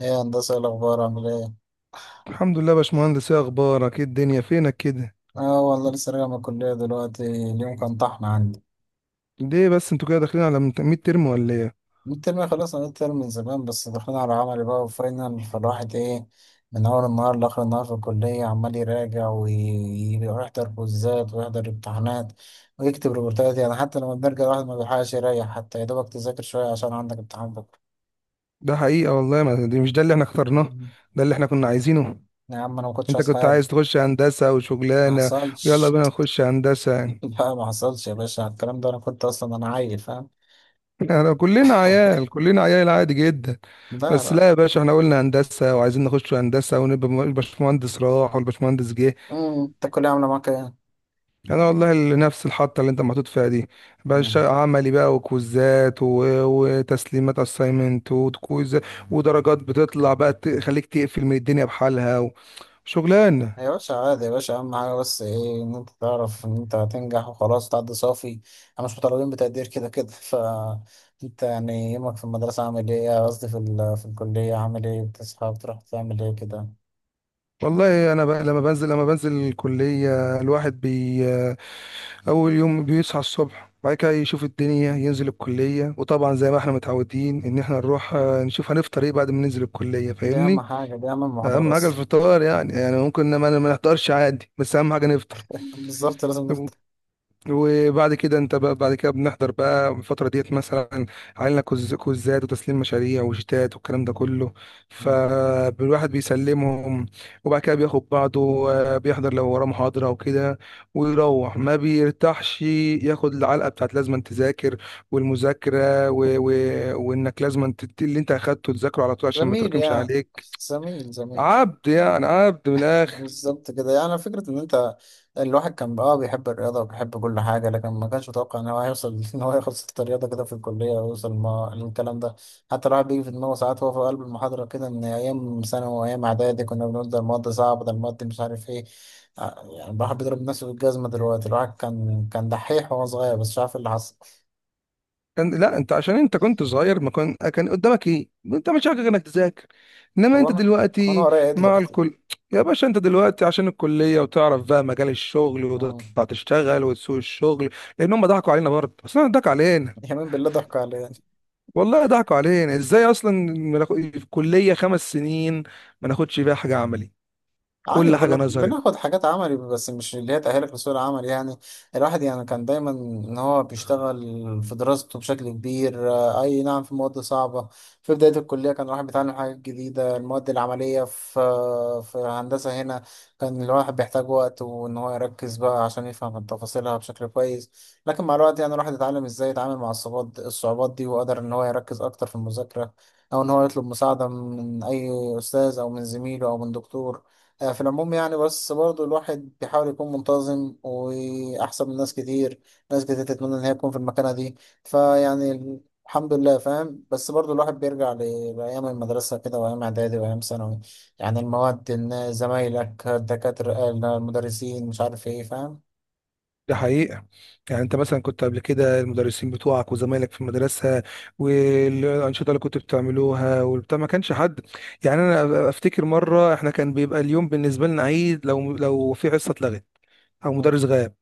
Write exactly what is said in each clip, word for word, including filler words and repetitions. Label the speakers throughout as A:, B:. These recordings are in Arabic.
A: ايه يا هندسة، إيه الأخبار؟ عامل ايه؟
B: الحمد لله يا باشمهندس، ايه اخبارك؟ ايه الدنيا فينك كده؟
A: اه والله لسه راجع من الكلية دلوقتي، اليوم كان طحن عندي.
B: ليه بس انتوا كده داخلين على مت- ميد ترم ولا ايه؟
A: الترم خلصنا الترم من زمان بس دخلنا على عملي بقى وفاينل، فالواحد ايه، من أول النهار لآخر النهار في الكلية عمال يراجع وي- ويحضر كوزات ويحضر امتحانات ويكتب ريبورتات، يعني حتى لما بنرجع الواحد ما بيلحقش يريح، حتى يا دوبك تذاكر شوية عشان عندك امتحان بكرة.
B: ده حقيقة والله. ما دي مش ده اللي احنا اخترناه،
A: مم.
B: ده اللي احنا كنا عايزينه.
A: يا عم أنا ما كنتش
B: انت
A: عايز
B: كنت عايز
A: حاجة.
B: تخش هندسة
A: ما
B: وشغلانة، ويلا
A: حصلش.
B: بينا نخش هندسة يعني.
A: لا ما حصلش يا باشا، على الكلام ده أنا كنت أصلا أنا عيل فاهم.
B: احنا كلنا عيال، كلنا عيال، عادي جدا.
A: لا
B: بس
A: لا.
B: لا يا باشا، احنا قلنا هندسة وعايزين نخش هندسة ونبقى م- الباشمهندس راح والباشمهندس جه.
A: مم، انت الكلية عاملة معاك ايه؟
B: انا والله ال- نفس الحطه اللي انت محطوط فيها دي. بقى الش-
A: مم.
B: عملي بقى وكوزات و... وتسليمات اساينمنت وكويز، ودرجات بتطلع بقى تخليك تقفل من الدنيا بحالها، وشغلانه.
A: يا باشا عادي، يا باشا أهم حاجة بس ايه؟ إن أنت تعرف إن أنت هتنجح وخلاص تعدي صافي، احنا مش مطالبين بتقدير كده كده. ف أنت يعني يومك في المدرسة عامل ايه؟ قصدي في, ال... في الكلية عامل ايه؟ بتصحى بتروح تعمل ايه كده؟
B: والله انا بقى لما بنزل لما بنزل الكليه، الواحد بي اول يوم بيصحى الصبح، بعد كده يشوف الدنيا،
A: مم.
B: ينزل الكليه. وطبعا زي ما احنا متعودين ان احنا نروح آه، نشوف هنفطر ايه بعد ما ننزل الكليه،
A: دي أهم
B: فاهمني.
A: حاجة، دي أهم المحاضرات
B: اهم حاجه
A: أصلا.
B: الفطار، يعني يعني ممكن ما ما نفطرش عادي، بس اهم حاجه نفطر.
A: بالظبط لازم نفتح.
B: وبعد كده انت بقى، بعد كده بنحضر بقى الفترة ديت، مثلا علينا كوز- كوزات وتسليم مشاريع وشتات والكلام ده كله،
A: مم.
B: فالواحد بيسلمهم. وبعد كده بياخد بعضه، آه، بيحضر لو وراه محاضرة وكده. ويروح ما بيرتاحش، ياخد العلقة بتاعت لازم تذاكر والمذاكرة و... و... وانك لازم تت... اللي انت اخدته تذاكره على طول عشان ما
A: زميل
B: يتراكمش
A: يا
B: عليك.
A: زميل زميل.
B: عبد يعني، عبد من الآخر.
A: بالظبط كده، يعني فكرة إن أنت الواحد كان بقى آه بيحب الرياضة وبيحب كل حاجة، لكن ما كانش متوقع إن هو هيوصل إن هو ياخد ست رياضة كده في الكلية ويوصل ما للكلام ده. حتى الواحد بيجي في دماغه ساعات وهو في قلب المحاضرة كده إن أيام ثانوي وأيام إعدادي كنا بنقول ده المواد صعبة، ده المواد مش عارف إيه. ع- يعني الواحد بيضرب نفسه بالجزمة دلوقتي، الواحد كان كان دحيح وهو صغير بس مش عارف إيه اللي حصل.
B: كان، لا انت عشان انت كنت صغير، ما كان كان قدامك ايه؟ انت مش حاجه غير انك تذاكر. انما
A: طب
B: انت
A: أنا أنا
B: دلوقتي
A: ورايا إيه
B: مع
A: دلوقتي؟
B: الكل يا باشا. انت دلوقتي عشان الكليه، وتعرف بقى مجال الشغل،
A: مم.
B: وتطلع تشتغل وتسوق الشغل. لان هم ضحكوا علينا برضه، اصلا ضحكوا علينا.
A: يمين بالله ضحك عليا.
B: والله ضحكوا علينا ازاي؟ اصلا ما ناخد- في الكليه خمس سنين ما ناخدش فيها حاجه عملي،
A: عادي
B: كل
A: كنا
B: حاجه نظري.
A: بناخد حاجات عملي بس مش اللي هي تأهلك لسوق العمل يعني. الواحد يعني كان دايما ان هو بيشتغل في دراسته بشكل كبير، آه، اي نعم في مواد صعبة، في بداية الكلية كان الواحد بيتعلم حاجات جديدة، المواد العملية في في هندسة هنا كان الواحد بيحتاج وقت وان هو يركز بقى عشان يفهم تفاصيلها بشكل كويس. لكن مع الوقت يعني الواحد اتعلم ازاي يتعامل مع الصعوبات الصعوبات دي وقدر ان هو يركز اكتر في المذاكرة، او ان هو يطلب مساعدة من اي استاذ او من زميله او من دكتور. آه، في العموم يعني، بس برضو الواحد بيحاول يكون منتظم وأحسن من ناس كتير، ناس كتير تتمنى إن هي تكون في المكانة دي. فيعني الحمد لله فاهم، بس برضو الواحد بيرجع ل- لأيام المدرسة كده وأيام إعدادي وأيام ثانوي. يعني المواد، إن زمايلك، الدكاترة، المدرسين، مش عارف إيه فاهم.
B: دي حقيقة. يعني انت مثلا كنت قبل كده، المدرسين بتوعك وزمايلك في المدرسة والأنشطة اللي كنت بتعملوها والبتاع، ما كانش حد. يعني انا افتكر مرة، احنا كان بيبقى اليوم بالنسبة لنا عيد لو لو في حصة اتلغت او
A: مم.
B: مدرس غاب،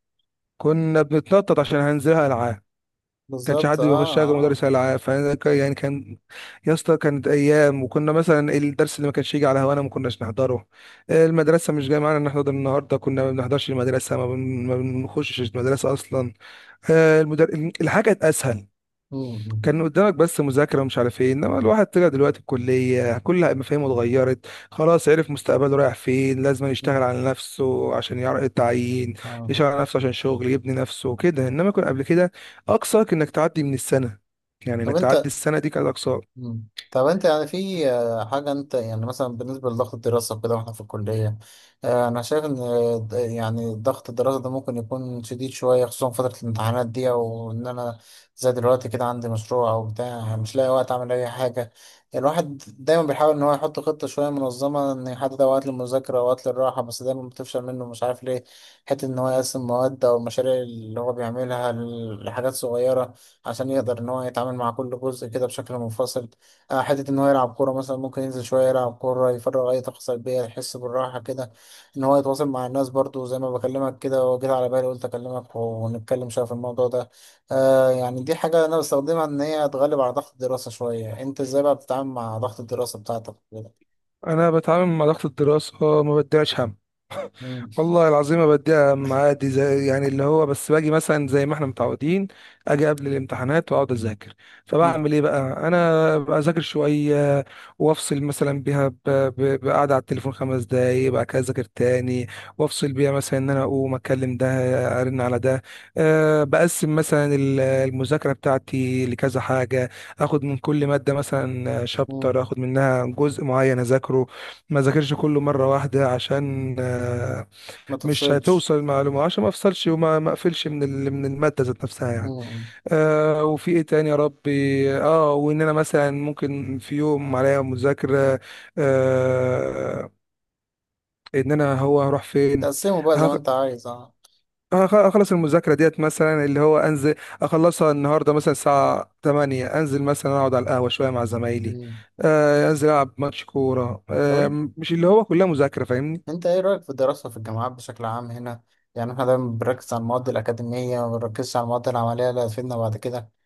B: كنا بنتنطط عشان هننزلها العاب. ما كانش
A: بالظبط
B: حد
A: آه.
B: بيخشها غير
A: آه.
B: مدرس العاب، فانا ك- يعني كان، يا اسطى كانت ايام. وكنا مثلا الدرس اللي ما كانش يجي على هوانا ما كناش نحضره. المدرسه مش جايه معانا نحضر النهارده، كنا ما بنحضرش المدرسه، ما بن- ما بنخشش المدرسه اصلا. آه، المدر... الحاجة كانت اسهل.
A: مم.
B: كان قدامك بس مذاكرة ومش عارف ايه، انما الواحد طلع دلوقتي الكلية كل مفاهيمه اتغيرت. خلاص عرف مستقبله رايح فين، لازم
A: مم.
B: يشتغل على نفسه عشان يعرف التعيين،
A: اه.
B: يشتغل على نفسه عشان شغل، يبني نفسه كده. انما كان قبل كده اقصاك انك تعدي من السنة، يعني
A: طب
B: انك تعدي
A: انت
B: السنة دي كانت اقصاك.
A: مم. طب انت يعني في آه، حاجة، انت يعني مثلا بالنسبة لضغط الدراسة وكده واحنا في الكلية، آه، انا شايف ان آه، د- يعني ضغط الدراسة ده ممكن يكون شديد شوية خصوصا فترة الامتحانات دي، او ان انا زي دلوقتي كده عندي مشروع او بتاع مش لاقي وقت اعمل اي حاجة. الواحد دايما بيحاول ان هو يحط خطة شوية منظمة، ان يحدد اوقات للمذاكرة واوقات للراحة، بس دايما بتفشل منه مش عارف ليه. حتة ان هو يقسم مواد او المشاريع اللي هو بيعملها لحاجات صغيرة عشان يقدر ان هو يتعامل مع كل جزء كده بشكل منفصل. آه، حته ان هو يلعب كوره مثلا، ممكن ينزل شويه يلعب كوره يفرغ اي طاقه سلبيه يحس بالراحه كده، ان هو يتواصل مع الناس برضو زي ما بكلمك كده، وجيت على بالي قلت اكلمك ونتكلم شويه في الموضوع ده. آه يعني دي حاجه انا بستخدمها ان هي تغلب على ضغط الدراسه شويه، انت ازاي بقى بتتعامل مع ضغط الدراسه بتاعتك كده؟
B: انا بتعامل مع ضغط الدراسة ما بديهاش هم.
A: مم،
B: والله العظيم ما بديها أهم، عادي زي يعني اللي هو بس، باجي مثلا زي ما احنا متعودين، اجي قبل الامتحانات واقعد اذاكر.
A: مم،
B: فبعمل ايه بقى؟ انا بذاكر شويه وافصل مثلا بيها، ب- ب- بقعده على التليفون خمس دقايق، بعد كده اذاكر تاني. وافصل بيها مثلا ان انا اقوم اكلم ده، ارن على ده. أه بقسم مثلا ال- المذاكره بتاعتي لكذا حاجه، اخد من كل ماده مثلا
A: مم.
B: شابتر، اخد منها جزء معين اذاكره. ما ذاكرش كله مره واحده، عشان
A: ما
B: مش
A: تفصلش.
B: هتوصل المعلومة، عشان ما افصلش وما ما اقفلش من ال- من المادة ذات نفسها يعني.
A: مم.
B: آه وفي ايه تاني يا ربي؟ اه وان انا مثلا ممكن في يوم عليا مذاكرة. آه ان انا، هو هروح فين؟
A: تقسمه بقى زي ما
B: هخ-
A: انت عايز اه.
B: هخ- هخلص المذاكرة ديت مثلا اللي هو انزل، اخلصها النهاردة مثلا الساعة تمانية، انزل مثلا اقعد على القهوة شوية مع زمايلي.
A: مم.
B: آه انزل العب ماتش كورة.
A: طب
B: آه مش اللي هو كلها مذاكرة، فاهمني
A: انت ايه رأيك في الدراسة في الجامعات بشكل عام هنا؟ يعني احنا دايما بنركز على المواد الأكاديمية وما بنركزش على المواد العملية اللي هتفيدنا بعد كده.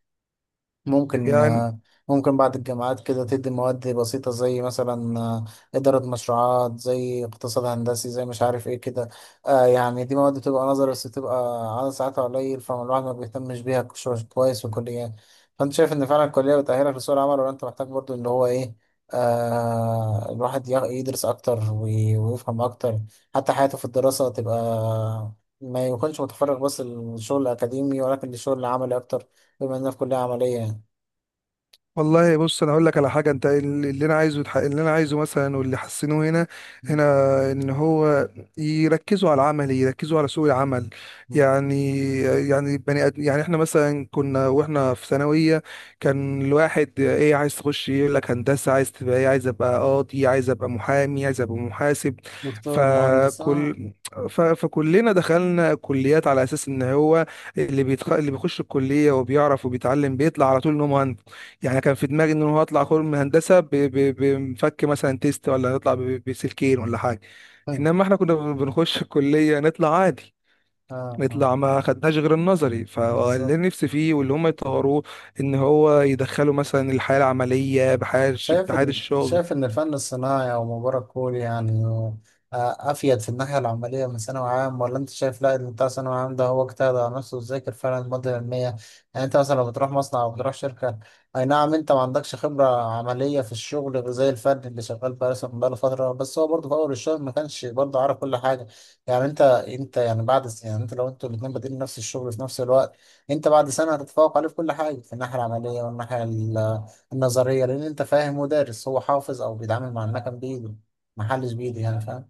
A: ممكن
B: يعني.
A: آه، ممكن بعد الجامعات كده تدي مواد بسيطة زي مثلا آه، إدارة مشروعات، زي اقتصاد هندسي، زي مش عارف إيه كده. آه، يعني دي مواد بتبقى نظري بس بتبقى عدد ساعاتها قليل، فالواحد ما بيهتمش بيها كش- كويس في الكلية. فأنت شايف إن فعلا الكلية بتأهلك لسوق العمل ولا أنت محتاج برضو اللي هو إيه؟ آه الواحد يغ- يدرس أكتر وي- ويفهم أكتر، حتى حياته في الدراسة تبقى ما يكونش متفرغ بس للشغل الأكاديمي ولكن للشغل العملي أكتر، بما إننا في كلية عملية يعني.
B: والله بص، انا اقول لك على حاجه، انت اللي اللي انا عايزه يتحقق- اللي انا عايزه مثلا، واللي حسنوه هنا
A: مم.
B: هنا ان هو يركزوا على العمل، يركزوا على سوق العمل. يعني يعني بني أد... يعني احنا مثلا كنا واحنا في ثانويه، كان الواحد ايه؟ عايز تخش إيه؟ يقول لك هندسه. عايز تبقى ايه؟ عايز ابقى قاضي، عايز ابقى محامي، عايز ابقى محاسب.
A: دكتور مهندس اه.
B: فكل ف... فكلنا دخلنا كليات على اساس ان هو اللي بيتخ... اللي بيخش الكليه وبيعرف وبيتعلم بيطلع على طول ان هو مهندس. يعني كان في دماغي ان هو هطلع خرم هندسه ب- ب- بمفك مثلا تيست، ولا هطلع ب- بسلكين ولا حاجه. انما احنا كنا بن- بنخش الكليه نطلع عادي،
A: اه آه.
B: نطلع ما خدناش غير النظري. فاللي
A: بالظبط.
B: نفسي فيه واللي هم يطوروه ان هو يدخلوا مثلا الحياه العمليه، بحياه الش-
A: شايف
B: بحياه
A: إن
B: الشغل.
A: شايف إن الفن الصناعي أو مباراة كوري يعني آه، أفيد في الناحية العملية من ثانوي عام؟ ولا أنت شايف لا، اللي بتاع ثانوي عام ده هو اجتهد على نفسه وذاكر فعلا المادة العلمية. يعني أنت مثلا لو بتروح مصنع أو بتروح شركة، أي نعم أنت ما عندكش خبرة عملية في الشغل، غير زي الفن اللي شغال بقى مثلا بقاله فترة، بس هو برضه في أول الشغل ما كانش برضه عارف كل حاجة. يعني أنت أنت يعني بعد يعني أنت لو أنتوا الاتنين بادئين نفس الشغل في نفس الوقت، أنت بعد سنة هتتفوق عليه في كل حاجة في الناحية العملية والناحية النظرية، لأن أنت فاهم مدرس هو حافظ أو بيتعامل مع المكن بإيده، محلش بإيده يعني فاهم.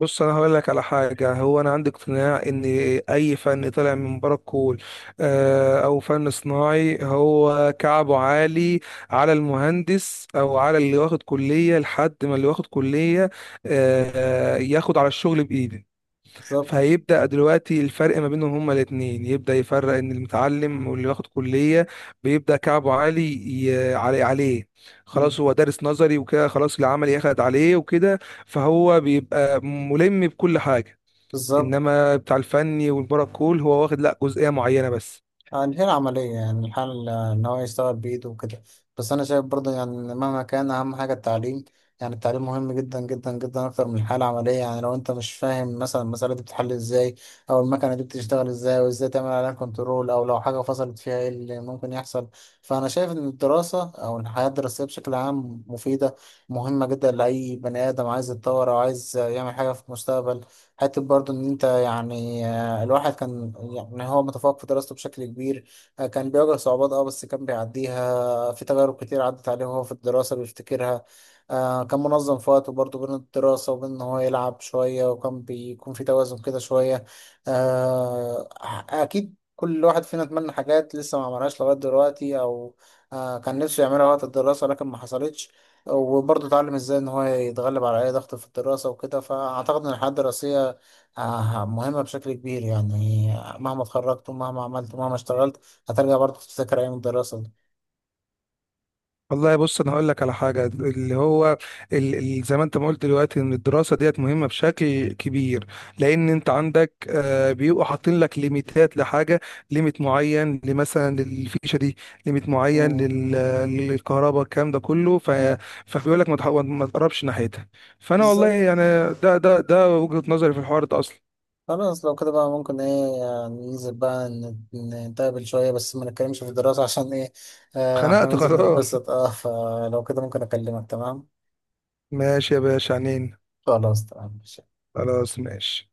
B: بص انا هقول لك على حاجه، هو انا عندي اقتناع ان اي فن طالع من بره الكول، آه، او فن صناعي، هو كعبه عالي على المهندس او على اللي واخد كليه. لحد ما اللي واخد كليه آه، ياخد على الشغل بايده،
A: بالظبط.
B: فهيبدأ دلوقتي الفرق ما بينهم هما الاتنين يبدأ يفرق. ان المتعلم واللي واخد كلية بيبدأ كعبه عالي ي- علي عليه.
A: مم.
B: خلاص هو دارس نظري وكده، خلاص العمل أخد عليه وكده، فهو بيبقى ملم بكل حاجة.
A: بالظبط.
B: انما بتاع الفني والبرا كول هو واخد لا جزئية معينة بس.
A: هي العملية يعني الحل إن هو يشتغل بإيده وكده. بس أنا شايف برضه يعني إن مهما كان أهم حاجة التعليم، يعني التعليم مهم جدا جدا جدا أكتر من الحالة العملية. يعني لو أنت مش فاهم مثلا المسألة دي بتتحل إزاي أو المكنة دي بتشتغل إزاي وإزاي تعمل عليها كنترول أو لو حاجة فصلت فيها إيه اللي ممكن يحصل. فأنا شايف إن الدراسة أو الحياة الدراسية بشكل عام مفيدة، مهمة جدا لأي بني آدم عايز يتطور أو عايز يعمل حاجة في المستقبل. حتى برضه إن أنت يعني آه، الواحد كان يعني هو متفوق في دراسته بشكل كبير، آه، كان بيواجه صعوبات اه بس كان بيعديها، في تجارب كتير عدت عليه وهو في الدراسة بيفتكرها. آه، كان منظم في وقته برضه بين الدراسة وبين إن هو يلعب شوية، وكان بيكون في توازن كده شوية. آه، أكيد كل واحد فينا اتمنى حاجات لسه ما عملهاش لغاية دلوقتي أو آه، كان نفسه يعملها وقت الدراسة لكن ما حصلتش. وبرضه اتعلم ازاي ان هو يتغلب على اي ضغط في الدراسة وكده، فاعتقد ان الحياة الدراسية آه، مهمة بشكل كبير يعني. مهما اتخرجت ومهما عملت ومهما اشتغلت، هترجع برضه تفتكر أيام الدراسة دي.
B: والله بص، انا هقول لك على حاجه، اللي هو ال- ال- زي ما انت ما قلت دلوقتي ان الدراسه ديت مهمه بشكل كبير. لان انت عندك، آه، بيبقوا حاطين لك ليميتات لحاجه، ليميت معين لمثلا للفيشه دي، ليميت معين
A: مم.
B: لل- للكهرباء، الكلام ده كله. ف
A: مم.
B: فبيقول لك ما تح- ما تقربش ناحيتها. فانا والله
A: بالظبط.
B: يعني، ده ده ده وجهه نظري في الحوار ده اصلا.
A: خلاص لو كده بقى، ممكن ايه يعني ننزل بقى ن- نتقابل شوية بس ما نتكلمش في الدراسة عشان ايه، آه،
B: خنقت
A: هننزل
B: خلاص.
A: نتبسط اه، فلو كده ممكن أكلمك تمام.
B: ماشي يا باشا عنين.
A: خلاص تمام.
B: خلاص ماشي.